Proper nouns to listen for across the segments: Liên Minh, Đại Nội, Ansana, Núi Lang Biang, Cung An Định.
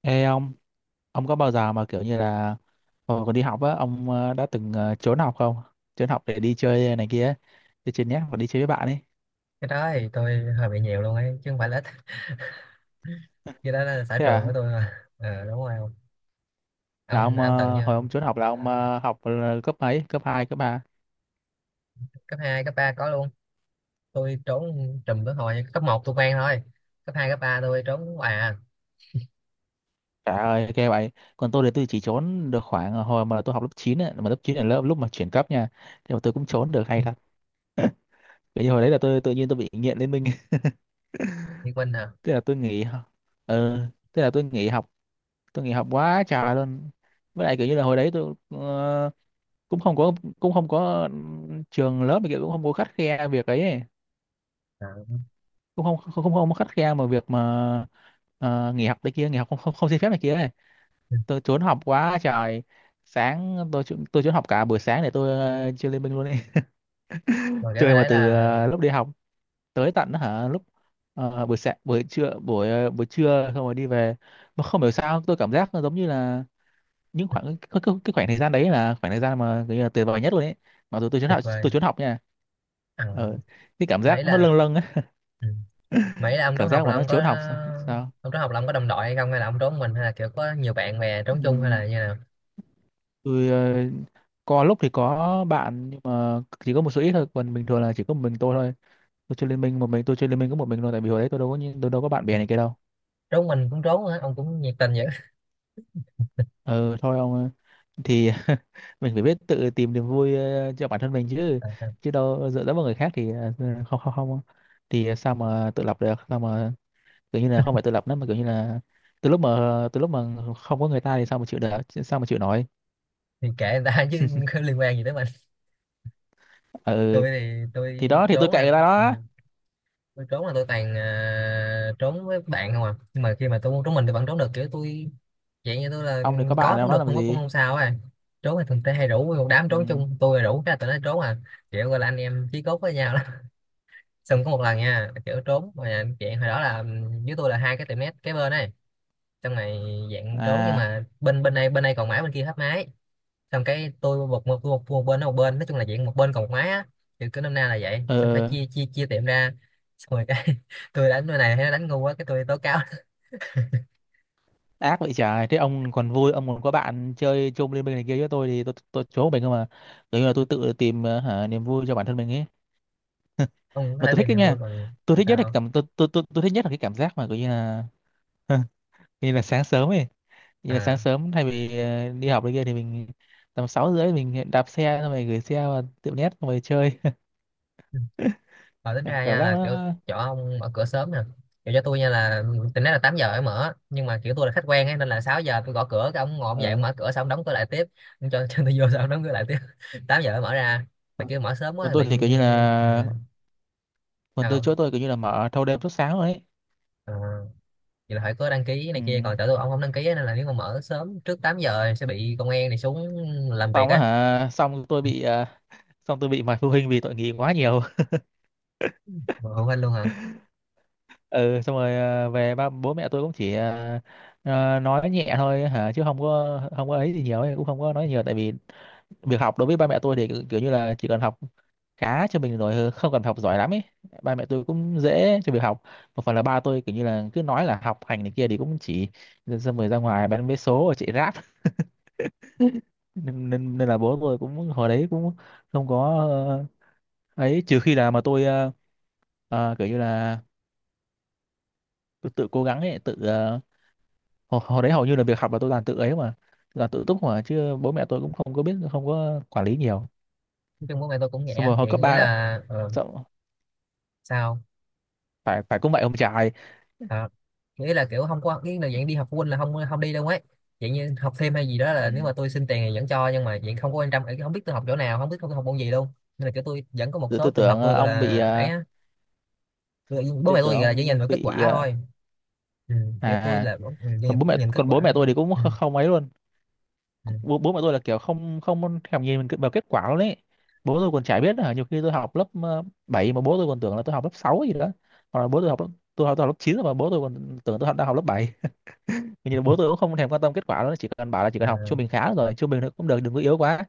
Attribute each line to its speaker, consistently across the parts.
Speaker 1: Ê ông có bao giờ mà kiểu như là hồi còn đi học á, ông đã từng trốn học không? Trốn học để đi chơi này kia, ấy, đi chơi net và đi chơi với bạn ấy.
Speaker 2: Cái đó thì tôi hơi bị nhiều luôn ấy, chứ không phải là ít. Cái đó là xã
Speaker 1: Thế
Speaker 2: trường của
Speaker 1: à,
Speaker 2: tôi mà, đúng rồi ông
Speaker 1: là
Speaker 2: ông
Speaker 1: ông
Speaker 2: ông từng như...
Speaker 1: hồi ông trốn học là ông học là cấp mấy? Cấp 2, cấp 3?
Speaker 2: Cấp 2 cấp 3 có luôn. Tôi trốn trùm tới hồi cấp một tôi quen thôi. Cấp 2 cấp 3 tôi trốn hoài à.
Speaker 1: Trời ơi, ghê vậy. Còn tôi thì tôi chỉ trốn được khoảng hồi mà tôi học lớp 9 ấy, mà lớp 9 là lớp lúc mà chuyển cấp nha. Thì mà tôi cũng trốn được
Speaker 2: Ừ.
Speaker 1: hay thật. Bởi vì hồi đấy là tôi tự nhiên tôi bị nghiện Liên Minh,
Speaker 2: Liên Minh hả?
Speaker 1: thế là tôi nghỉ học. Ừ, thế là tôi nghỉ học quá trời luôn. Với lại kiểu như là hồi đấy tôi cũng không có cũng không có trường lớp này kia cũng không có khắt khe việc ấy.
Speaker 2: À.
Speaker 1: Cũng không có khắt khe mà việc mà nghỉ học này kia nghỉ học không không, không xin phép này kia ấy.
Speaker 2: Ừ.
Speaker 1: Tôi trốn học quá trời. Sáng tôi trốn học cả buổi sáng để tôi chơi Liên Minh luôn ấy.
Speaker 2: Rồi kiểu hồi
Speaker 1: Chơi mà
Speaker 2: đấy
Speaker 1: từ
Speaker 2: là
Speaker 1: lúc đi học tới tận hả lúc buổi sáng buổi trưa buổi trưa xong rồi đi về mà không hiểu sao tôi cảm giác nó giống như là những khoảng cái khoảng thời gian đấy là khoảng thời gian mà kiểu như là tuyệt vời nhất luôn ấy, mặc dù
Speaker 2: tuyệt vời
Speaker 1: tôi trốn học nha.
Speaker 2: à,
Speaker 1: ờ cái cảm
Speaker 2: mấy
Speaker 1: giác nó
Speaker 2: là
Speaker 1: lâng lâng ấy.
Speaker 2: ừ. mấy là ông
Speaker 1: Cảm
Speaker 2: trốn học
Speaker 1: giác mà
Speaker 2: là
Speaker 1: nó
Speaker 2: ông có...
Speaker 1: trốn học sao sao.
Speaker 2: Ông trốn học là ông có đồng đội hay không, hay là ông trốn mình, hay là kiểu có nhiều bạn bè trốn chung, hay
Speaker 1: Ừm,
Speaker 2: là như nào?
Speaker 1: tôi có lúc thì có bạn nhưng mà chỉ có một số ít thôi, còn bình thường là chỉ có một mình tôi thôi. Tôi chơi liên minh một mình, tôi chơi liên minh có một mình thôi, tại vì hồi đấy tôi đâu có tôi đâu có bạn bè này kia đâu.
Speaker 2: Trốn mình cũng trốn á, ông cũng nhiệt tình vậy.
Speaker 1: Ừ thôi ông ơi. Thì mình phải biết tự tìm niềm vui cho bản thân mình chứ, chứ đâu dựa dẫm vào người khác thì không không không, thì sao mà tự lập được, sao mà kiểu như là không phải tự lập nữa mà kiểu như là từ lúc mà từ lúc mà không có người ta thì sao mà chịu được, sao mà chịu nổi.
Speaker 2: Thì kệ người ta chứ. Liên quan gì tới.
Speaker 1: Ừ
Speaker 2: Tôi thì
Speaker 1: thì
Speaker 2: tôi
Speaker 1: đó thì tôi
Speaker 2: trốn
Speaker 1: kệ
Speaker 2: là...
Speaker 1: người ta
Speaker 2: Ừ,
Speaker 1: đó.
Speaker 2: tôi trốn là tôi toàn, trốn với bạn không à, nhưng mà khi mà tôi muốn trốn mình thì vẫn trốn được, kiểu tôi dạng như tôi là...
Speaker 1: Ông đừng có
Speaker 2: Có
Speaker 1: bạn ông
Speaker 2: cũng
Speaker 1: nó
Speaker 2: được,
Speaker 1: làm
Speaker 2: không có cũng
Speaker 1: gì.
Speaker 2: không sao à. Trốn thì thường tê hay rủ một đám
Speaker 1: Ừ.
Speaker 2: trốn chung, tôi rủ cái là tụi nó trốn à. Kiểu gọi là anh em chí cốt với nhau lắm. Xong có một lần nha, kiểu trốn mà, dạng hồi đó là... Ừ, dưới tôi là hai cái tiệm nét kế bên này, xong này, dạng trốn nhưng
Speaker 1: À.
Speaker 2: mà bên bên đây còn, mãi bên kia hết máy. Xong cái tôi một bên nó một bên, nói chung là dạng một bên còn một máy á, kiểu cứ năm nay là vậy, xong phải
Speaker 1: Ờ.
Speaker 2: chia chia chia tiệm ra. Xong rồi cái tôi đánh cái này thấy nó đánh ngu quá, cái tôi tố cáo.
Speaker 1: Ác vậy trời, thế ông còn vui ông còn có bạn chơi chung liên minh này kia, với tôi thì tôi trốn mình không mà, kiểu như là tôi tự tìm niềm vui cho bản thân mình ấy,
Speaker 2: Ông có
Speaker 1: mà
Speaker 2: thể
Speaker 1: tôi thích
Speaker 2: tìm
Speaker 1: đấy
Speaker 2: niềm
Speaker 1: nha.
Speaker 2: vui bằng...
Speaker 1: Tôi thích nhất là cái
Speaker 2: Sao?
Speaker 1: cảm tôi thích nhất là cái cảm giác mà kiểu như là như là sáng sớm ấy, như là sáng
Speaker 2: À.
Speaker 1: sớm thay vì đi học này kia thì mình tầm sáu rưỡi mình đạp xe xong rồi gửi xe vào tiệm net xong rồi chơi.
Speaker 2: Và tính ra
Speaker 1: Cảm
Speaker 2: nha
Speaker 1: giác
Speaker 2: là kiểu
Speaker 1: nó
Speaker 2: chỗ ông mở cửa sớm nè. Kiểu cho tôi nha là tính nói là 8 giờ mới mở, nhưng mà kiểu tôi là khách quen ấy, nên là 6 giờ tôi gõ cửa cái ông ngồi ông dậy ông
Speaker 1: ờ.
Speaker 2: mở cửa xong ông đóng cửa lại tiếp. Ông cho tôi vô xong ông đóng cửa lại tiếp. 8 giờ mới mở ra. Tại kiểu mở sớm quá
Speaker 1: Còn
Speaker 2: thì
Speaker 1: tôi
Speaker 2: bị...
Speaker 1: thì kiểu như
Speaker 2: Ừ.
Speaker 1: là còn
Speaker 2: Sao
Speaker 1: tôi
Speaker 2: không?
Speaker 1: chỗ tôi kiểu như là mở thâu đêm suốt sáng rồi ấy.
Speaker 2: Ờ. Vậy là phải có đăng ký
Speaker 1: Ừ.
Speaker 2: này kia, còn chỗ tôi ông không đăng ký á, nên là nếu mà mở sớm trước 8 giờ sẽ bị công an này xuống làm việc
Speaker 1: Xong á
Speaker 2: á.
Speaker 1: hả xong xong tôi bị mời phụ huynh vì tội nghỉ quá nhiều.
Speaker 2: Mà phụ huynh luôn hả?
Speaker 1: Ừ xong rồi về ba bố mẹ tôi cũng chỉ nói nhẹ thôi hả, chứ không có ấy gì nhiều ấy, cũng không có nói nhiều tại vì việc học đối với ba mẹ tôi thì kiểu kiểu như là chỉ cần học khá cho mình rồi, không cần học giỏi lắm ấy. Ba mẹ tôi cũng dễ cho việc học. Một phần là ba tôi kiểu như là cứ nói là học hành này kia thì cũng chỉ xong rồi ra ngoài bán vé số rồi chạy ráp, nên nên, nên là bố tôi cũng hồi đấy cũng không có ờ, ấy, trừ khi là mà tôi kiểu như là tôi tự cố gắng ấy tự hồi đấy hầu như là việc học là tôi làm tự ấy mà, là tự túc mà, chứ bố mẹ tôi cũng không có biết, không có quản lý nhiều.
Speaker 2: Nói chung bố mẹ tôi cũng
Speaker 1: Xong
Speaker 2: nhẹ
Speaker 1: rồi hồi
Speaker 2: vậy.
Speaker 1: cấp
Speaker 2: Nghĩ
Speaker 1: ba là-
Speaker 2: là
Speaker 1: xong,
Speaker 2: sao
Speaker 1: phải phải cũng vậy ông trai.
Speaker 2: à? Nghĩ là kiểu không có, cái là dạng đi học phụ huynh là không không đi đâu ấy. Dạng như học thêm hay gì đó
Speaker 1: Ừ.
Speaker 2: là nếu mà tôi xin tiền thì vẫn cho, nhưng mà dạng không có quan tâm, không biết tôi học chỗ nào, không biết tôi học môn gì luôn. Nên là kiểu tôi vẫn có một
Speaker 1: tôi,
Speaker 2: số
Speaker 1: tôi
Speaker 2: trường hợp
Speaker 1: tưởng ờ,
Speaker 2: tôi gọi
Speaker 1: ông bị
Speaker 2: là ấy
Speaker 1: ờ,
Speaker 2: á. Bố
Speaker 1: tôi
Speaker 2: mẹ
Speaker 1: tưởng
Speaker 2: tôi gọi là chỉ nhìn
Speaker 1: ông
Speaker 2: vào kết
Speaker 1: bị
Speaker 2: quả thôi. Ừ, kiểu
Speaker 1: à
Speaker 2: tôi
Speaker 1: à.
Speaker 2: là ừ, nhìn,
Speaker 1: Còn bố mẹ
Speaker 2: nhìn kết
Speaker 1: còn
Speaker 2: quả
Speaker 1: bố mẹ tôi
Speaker 2: thôi.
Speaker 1: thì cũng
Speaker 2: Ừ.
Speaker 1: không ấy luôn.
Speaker 2: Ừ.
Speaker 1: Bố mẹ tôi là kiểu không không thèm nhìn mình vào kết quả luôn đấy. Bố tôi còn chả biết là nhiều khi tôi học lớp 7 mà bố tôi còn tưởng là tôi học lớp 6 gì đó, hoặc là bố tôi học lớp, tôi học lớp 9 mà bố tôi còn tưởng tôi học, đang học lớp bảy. Nhưng mà bố tôi cũng không thèm quan tâm kết quả đó, chỉ cần bảo là chỉ cần học trung
Speaker 2: À.
Speaker 1: bình khá rồi, trung bình thôi cũng được, đừng có yếu quá.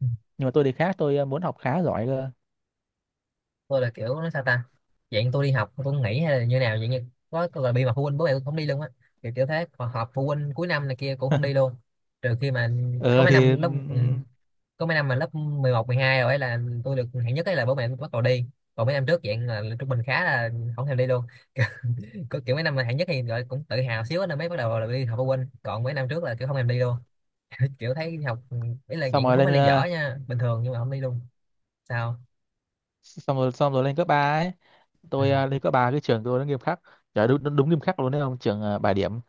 Speaker 2: Ừ.
Speaker 1: Nhưng mà tôi thì khác, tôi muốn học khá giỏi cơ.
Speaker 2: Tôi là kiểu nó sao ta? Dạng tôi đi học tôi cũng nghỉ hay là như nào, dạng như có gọi bị mà phụ huynh, bố mẹ tôi không đi luôn á, kiểu kiểu thế. Còn họp phụ huynh cuối năm này kia cũng không đi luôn. Trừ khi mà có
Speaker 1: ờ
Speaker 2: mấy
Speaker 1: thì
Speaker 2: năm lớp... Ừ, có mấy năm mà lớp 11 12 rồi ấy là tôi được hạng nhất ấy là bố mẹ tôi bắt đầu đi. Còn mấy năm trước dạng là trung bình khá là không thèm đi luôn. Có kiểu mấy năm mà hạng nhất thì gọi cũng tự hào xíu á, nên mới bắt đầu là đi học phụ huynh, còn mấy năm trước là kiểu không thèm đi luôn. Kiểu thấy đi học... Ừ, ý là
Speaker 1: Xong
Speaker 2: dạng
Speaker 1: rồi
Speaker 2: không
Speaker 1: lên
Speaker 2: phải là dở nha, bình thường, nhưng mà không đi luôn. Sao?
Speaker 1: xong rồi lên cấp ba ấy,
Speaker 2: Ừ.
Speaker 1: tôi lên cấp ba cái trường tôi nó nghiêm khắc. Trời đúng nghiêm khắc luôn đấy, không trường bài điểm.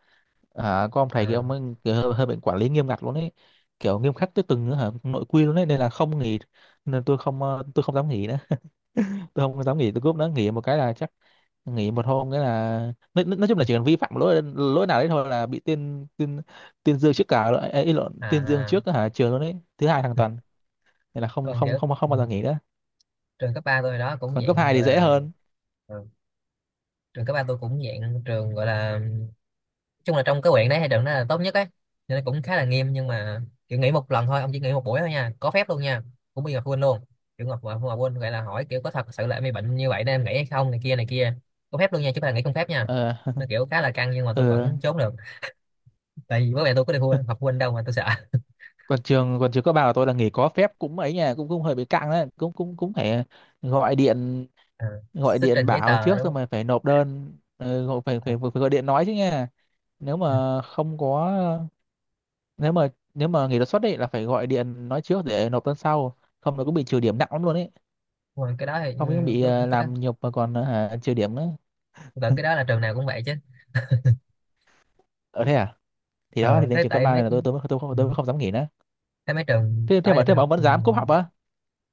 Speaker 1: À, có ông thầy kia
Speaker 2: À,
Speaker 1: ông ấy kiểu hơi bệnh quản lý nghiêm ngặt luôn ấy, kiểu nghiêm khắc tới từng hả, nội quy luôn ấy nên là không nghỉ, nên tôi không ờ, tôi không dám nghỉ nữa. Tôi không dám nghỉ tôi cúp nữa, nghỉ một cái là chắc nghỉ một hôm cái là nói chung là chỉ cần vi phạm lỗi lỗi nào đấy thôi là bị tuyên tuyên tuyên dương trước cả ấy, ấy, ý lộn
Speaker 2: à,
Speaker 1: tuyên dương
Speaker 2: à.
Speaker 1: trước hả trường luôn đấy thứ hai hàng tuần, nên là không
Speaker 2: Còn
Speaker 1: không
Speaker 2: kiểu...
Speaker 1: không không
Speaker 2: Ừ,
Speaker 1: bao giờ nghỉ nữa.
Speaker 2: trường cấp 3 tôi đó cũng
Speaker 1: Còn cấp
Speaker 2: dạng
Speaker 1: hai thì dễ
Speaker 2: là...
Speaker 1: hơn.
Speaker 2: Ừ, trường cấp ba tôi cũng dạng trường gọi là chung là trong cái huyện đấy, hay trường đó là tốt nhất ấy, nên cũng khá là nghiêm, nhưng mà kiểu nghỉ một lần thôi ông, chỉ nghỉ một buổi thôi nha, có phép luôn nha, cũng bị giờ phụ huynh luôn. Kiểu ngọc mà phụ huynh gọi là hỏi kiểu có thật sự là em bị bệnh như vậy nên em nghỉ hay không này kia này kia. Có phép luôn nha, chứ không phải là nghỉ không phép nha.
Speaker 1: Ờ.
Speaker 2: Nó kiểu khá là căng nhưng mà tôi
Speaker 1: Ờ.
Speaker 2: vẫn trốn được, tại vì bố mẹ tôi có đi phụ huynh học phụ huynh đâu mà tôi sợ.
Speaker 1: Còn trường còn trường cấp ba của tôi là nghỉ có phép cũng ấy nha, cũng cũng hơi bị căng đấy, cũng cũng cũng phải gọi điện
Speaker 2: À,
Speaker 1: gọi
Speaker 2: xuất
Speaker 1: điện
Speaker 2: trình giấy
Speaker 1: bảo
Speaker 2: tờ
Speaker 1: trước
Speaker 2: đúng
Speaker 1: xong
Speaker 2: không?
Speaker 1: rồi phải nộp đơn gọi- phải,
Speaker 2: À,
Speaker 1: phải phải gọi điện nói chứ nha. Nếu
Speaker 2: ừ.
Speaker 1: mà không có, nếu mà nếu mà nghỉ đột xuất ấy là phải gọi điện nói trước để nộp đơn sau, không nó cũng bị trừ điểm nặng lắm luôn ấy,
Speaker 2: Đúng rồi, cái đó thì
Speaker 1: không những
Speaker 2: ừ,
Speaker 1: bị
Speaker 2: đúng cái đó.
Speaker 1: làm nhục mà còn trừ điểm nữa.
Speaker 2: Tôi tưởng cái đó là trường nào cũng vậy chứ.
Speaker 1: Ở thế à, thì đó thì
Speaker 2: Ờ
Speaker 1: lên
Speaker 2: thế
Speaker 1: trường cấp
Speaker 2: tại
Speaker 1: ba
Speaker 2: mấy...
Speaker 1: này là
Speaker 2: Ừ,
Speaker 1: tôi mới không dám nghỉ nữa.
Speaker 2: thế mấy trường
Speaker 1: thế
Speaker 2: đó
Speaker 1: thế
Speaker 2: giờ
Speaker 1: mà thế
Speaker 2: tôi
Speaker 1: mà
Speaker 2: học...
Speaker 1: ông vẫn
Speaker 2: Ừ,
Speaker 1: dám cúp học á.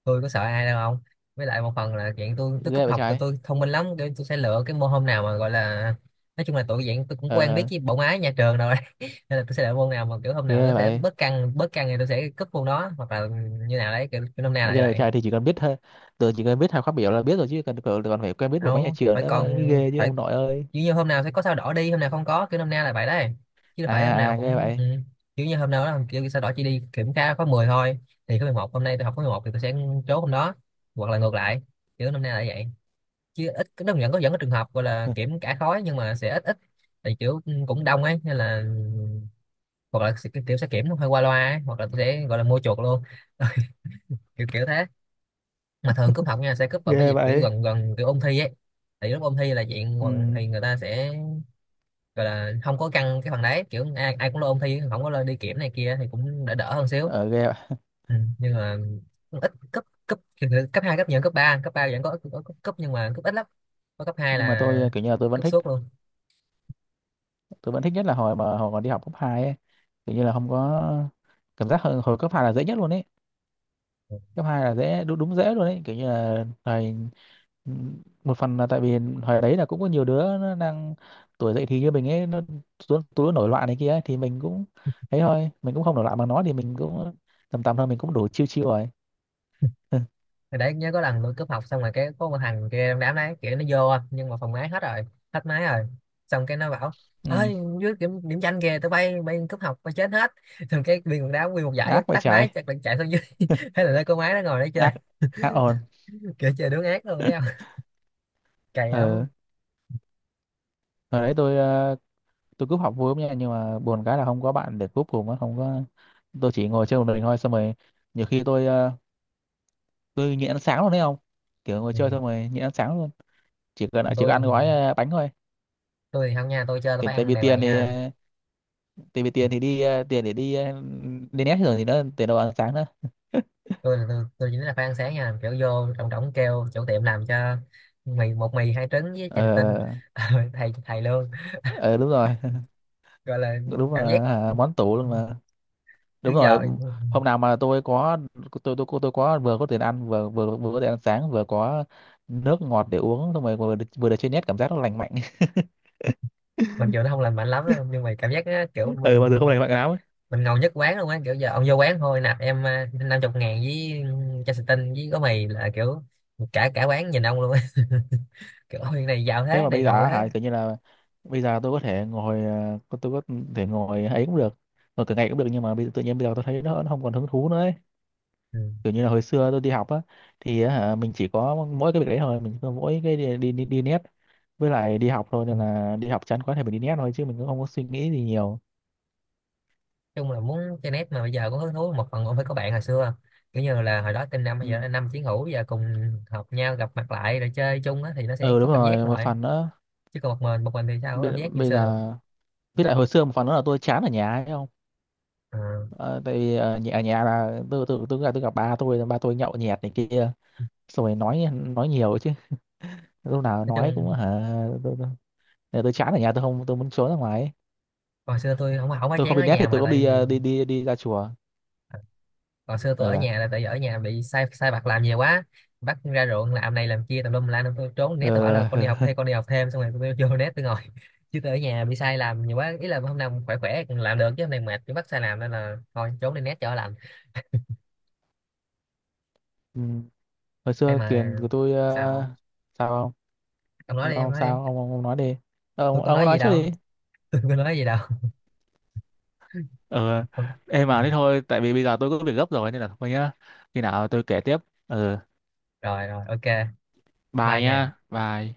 Speaker 2: tôi có sợ ai đâu không. Với lại một phần là chuyện tôi cúp
Speaker 1: Ghê vậy
Speaker 2: học thì
Speaker 1: trời.
Speaker 2: tôi thông minh lắm, kiểu tôi sẽ lựa cái môn hôm nào mà gọi là... Nói chung là tụi dạng tôi cũng quen biết
Speaker 1: Ờ,
Speaker 2: với bộ máy nhà trường rồi. Nên là tôi sẽ lựa môn nào mà kiểu hôm nào
Speaker 1: ghê
Speaker 2: nó sẽ
Speaker 1: vậy.
Speaker 2: bớt căng thì tôi sẽ cúp môn đó, hoặc là như nào đấy, kiểu năm nay là như
Speaker 1: Ghê vậy
Speaker 2: vậy.
Speaker 1: trời, thì chỉ cần biết thôi, tôi chỉ cần biết hai khóa biểu là biết rồi chứ cần còn phải quen biết bộ máy nhà
Speaker 2: Đâu
Speaker 1: trường
Speaker 2: phải.
Speaker 1: nữa
Speaker 2: Còn
Speaker 1: mới ghê chứ
Speaker 2: phải
Speaker 1: ông nội ơi.
Speaker 2: kiểu như hôm nào sẽ có sao đỏ đi, hôm nào không có, kiểu năm nay là vậy đấy, chứ phải hôm
Speaker 1: À
Speaker 2: nào
Speaker 1: à, ghê
Speaker 2: cũng...
Speaker 1: vậy.
Speaker 2: Ừ. Kiểu như hôm nào đó kiểu sao đỏ chỉ đi kiểm tra khóa 10 thôi, thì khóa 11 hôm nay tôi học khóa 11 thì tôi sẽ chốt hôm đó, hoặc là ngược lại, kiểu năm nay là vậy. Chứ ít, nó vẫn có trường hợp gọi là kiểm cả khối nhưng mà sẽ ít ít, thì kiểu... Ừ, cũng đông ấy nên là hoặc là kiểu sẽ kiểm hơi qua loa ấy, hoặc là tôi sẽ gọi là mua chuột luôn. kiểu kiểu thế. Mà thường cúp học nha sẽ cúp vào mấy
Speaker 1: Ghê
Speaker 2: dịp kiểu
Speaker 1: vậy.
Speaker 2: gần gần kiểu ôn thi ấy. Thì lúc ôn thi là chuyện
Speaker 1: Ừ.
Speaker 2: thì người ta sẽ gọi là không có căng cái phần đấy, kiểu ai cũng lo ôn thi, không có lo đi kiểm này kia thì cũng đỡ đỡ hơn xíu.
Speaker 1: Ở ghê vậy.
Speaker 2: Ừ. Nhưng mà cũng ít, cấp cấp cấp hai cấp nhiều hơn cấp ba, cấp 3 vẫn có cấp nhưng mà cấp ít lắm, có cấp 2
Speaker 1: Nhưng mà
Speaker 2: là
Speaker 1: tôi kiểu như là tôi vẫn
Speaker 2: cấp
Speaker 1: thích,
Speaker 2: suốt luôn.
Speaker 1: tôi vẫn thích nhất là hồi mà đi học cấp 2, ấy, kiểu như là không có cảm giác hồi cấp 2 là dễ nhất luôn ấy, cấp 2 là dễ đúng dễ luôn ấy, kiểu như là thời, một phần là tại vì hồi đấy là cũng có nhiều đứa nó đang tuổi dậy thì như mình ấy, nó tụi tụi nó nổi loạn này kia ấy, thì mình cũng ấy thôi, mình cũng không nổi loạn bằng nó thì mình cũng tầm tầm thôi, mình cũng đủ chiêu chiêu rồi.
Speaker 2: Thì đấy, nhớ có lần tôi cúp học xong rồi cái có một thằng kia trong đám đấy kiểu nó vô nhưng mà phòng máy hết rồi, hết máy rồi, xong cái nó bảo
Speaker 1: Ừ.
Speaker 2: ơi, dưới điểm danh kìa, tụi bay bay cúp học bay chết hết. Xong cái viên quần đám nguyên một giải
Speaker 1: Ác vậy
Speaker 2: tắt
Speaker 1: trời.
Speaker 2: máy chắc là chạy xuống dưới. Thế là nơi cô máy nó ngồi đấy chơi.
Speaker 1: Ác ác ồn.
Speaker 2: Kiểu chơi đứng ác luôn đấy không, cày lắm.
Speaker 1: Ừ. Hồi đấy tôi tôi cúp học vui lắm nha, nhưng mà buồn cái là không có bạn để cúp cùng á, không có, tôi chỉ ngồi chơi một mình thôi. Xong rồi nhiều khi tôi tôi nhịn ăn sáng luôn đấy không, kiểu ngồi
Speaker 2: Ừ.
Speaker 1: chơi xong rồi nhịn ăn sáng luôn, chỉ cần
Speaker 2: Còn
Speaker 1: chỉ có
Speaker 2: tôi
Speaker 1: ăn gói bánh thôi,
Speaker 2: tôi thì không nha, tôi chơi tôi
Speaker 1: kiểu
Speaker 2: phải
Speaker 1: tại
Speaker 2: ăn
Speaker 1: vì
Speaker 2: đàng hoàng nha.
Speaker 1: tại vì tiền thì tiền để đi nét rồi thì nó tiền đâu ăn sáng nữa.
Speaker 2: Tôi là tôi chỉ nói là phải ăn sáng nha, kiểu vô trọng trọng kêu chủ tiệm làm cho mì một mì hai trứng với chai
Speaker 1: Ờ,
Speaker 2: thủy tinh. thầy thầy luôn,
Speaker 1: ờ, đúng rồi,
Speaker 2: gọi là
Speaker 1: đúng là
Speaker 2: cảm giác
Speaker 1: à, món tủ luôn mà,
Speaker 2: trước
Speaker 1: đúng rồi.
Speaker 2: giờ,
Speaker 1: Hôm nào mà tôi có, tôi có vừa có tiền ăn vừa vừa vừa có tiền ăn sáng vừa có nước ngọt để uống xong rồi vừa được chơi net, cảm giác nó lành mạnh.
Speaker 2: mặc dù nó không lành mạnh lắm đâu, nhưng mà cảm giác á, kiểu
Speaker 1: Ừ mà từ
Speaker 2: mình
Speaker 1: không này mặc áo ấy.
Speaker 2: mình ngầu nhất quán luôn á, kiểu giờ ông vô quán thôi, nạp em à 50.000 với chai xì tinh với gói mì là kiểu cả cả quán nhìn ông luôn á. Kiểu ôi này giàu
Speaker 1: Thế
Speaker 2: thế
Speaker 1: mà
Speaker 2: này
Speaker 1: bây giờ
Speaker 2: ngầu
Speaker 1: á
Speaker 2: thế.
Speaker 1: hả kiểu như là bây giờ tôi có thể ngồi tôi có thể ngồi ấy cũng được, ngồi cả ngày cũng được, nhưng mà bây giờ, tự nhiên bây giờ tôi thấy nó không còn hứng thú nữa ấy.
Speaker 2: Ừ.
Speaker 1: Kiểu như là hồi xưa tôi đi học á, thì á hả mình chỉ có mỗi cái việc đấy thôi, mình có mỗi cái đi nét với lại đi học thôi, nên là đi học chán quá thì mình đi nét thôi, chứ mình cũng không có suy nghĩ gì nhiều.
Speaker 2: Nói chung là muốn chơi net mà bây giờ có hứng thú một phần cũng phải có bạn hồi xưa, kiểu như là hồi đó team năm
Speaker 1: Ừ,
Speaker 2: bây giờ là năm chiến hữu bây giờ cùng học nhau gặp mặt lại rồi chơi chung á thì nó sẽ
Speaker 1: ừ
Speaker 2: có
Speaker 1: đúng
Speaker 2: cảm giác
Speaker 1: rồi một
Speaker 2: lại.
Speaker 1: phần nữa.
Speaker 2: Chứ còn một mình thì sao có cảm
Speaker 1: bây,
Speaker 2: giác như
Speaker 1: bây
Speaker 2: xưa được.
Speaker 1: giờ, với lại hồi xưa một phần nữa là tôi chán ở nhà ấy không.
Speaker 2: Ờ.
Speaker 1: Ờ, tại vì ở nhà là tôi gặp ba tôi, ba tôi nhậu nhẹt này kia xong rồi nói nhiều chứ, lúc nào
Speaker 2: Nói
Speaker 1: nói cũng
Speaker 2: chung
Speaker 1: hả. tôi, tôi, chán ở nhà, tôi không, tôi muốn trốn ra ngoài ấy.
Speaker 2: hồi xưa tôi không không phải
Speaker 1: Tôi không
Speaker 2: chán
Speaker 1: đi
Speaker 2: ở
Speaker 1: net thì
Speaker 2: nhà mà
Speaker 1: tôi cũng
Speaker 2: tại
Speaker 1: đi
Speaker 2: vì,
Speaker 1: đi ra chùa.
Speaker 2: hồi xưa tôi ở
Speaker 1: Ờ.
Speaker 2: nhà là tại vì ở nhà bị sai sai bạc làm nhiều quá, bắt ra ruộng làm này làm kia tùm lum la nên tôi trốn nét, tôi bảo là
Speaker 1: Ờ.
Speaker 2: con đi học thêm con đi học thêm, xong rồi tôi vô nét tôi ngồi. Chứ tôi ở nhà bị sai làm nhiều quá, ý là hôm nào khỏe khỏe còn làm được chứ hôm nay mệt cứ bắt sai làm nên là thôi trốn đi nét cho lành.
Speaker 1: Ừ. Hồi
Speaker 2: Hay
Speaker 1: xưa tiền
Speaker 2: mà.
Speaker 1: của tôi
Speaker 2: Sao?
Speaker 1: sao không?
Speaker 2: Ông nói
Speaker 1: Ông,
Speaker 2: đi, ông
Speaker 1: ông
Speaker 2: nói
Speaker 1: sao
Speaker 2: đi.
Speaker 1: ông nói đi. Ờ,
Speaker 2: Tôi có
Speaker 1: ông
Speaker 2: nói
Speaker 1: nói
Speaker 2: gì
Speaker 1: trước
Speaker 2: đâu.
Speaker 1: đi.
Speaker 2: Tôi có nói gì đâu.
Speaker 1: Ờ em mà thế thôi, tại vì bây giờ tôi có việc gấp rồi nên là thôi nhá, khi nào tôi kể tiếp. Ờ
Speaker 2: Rồi rồi, ok,
Speaker 1: bye
Speaker 2: bye nha.
Speaker 1: nhá, bye.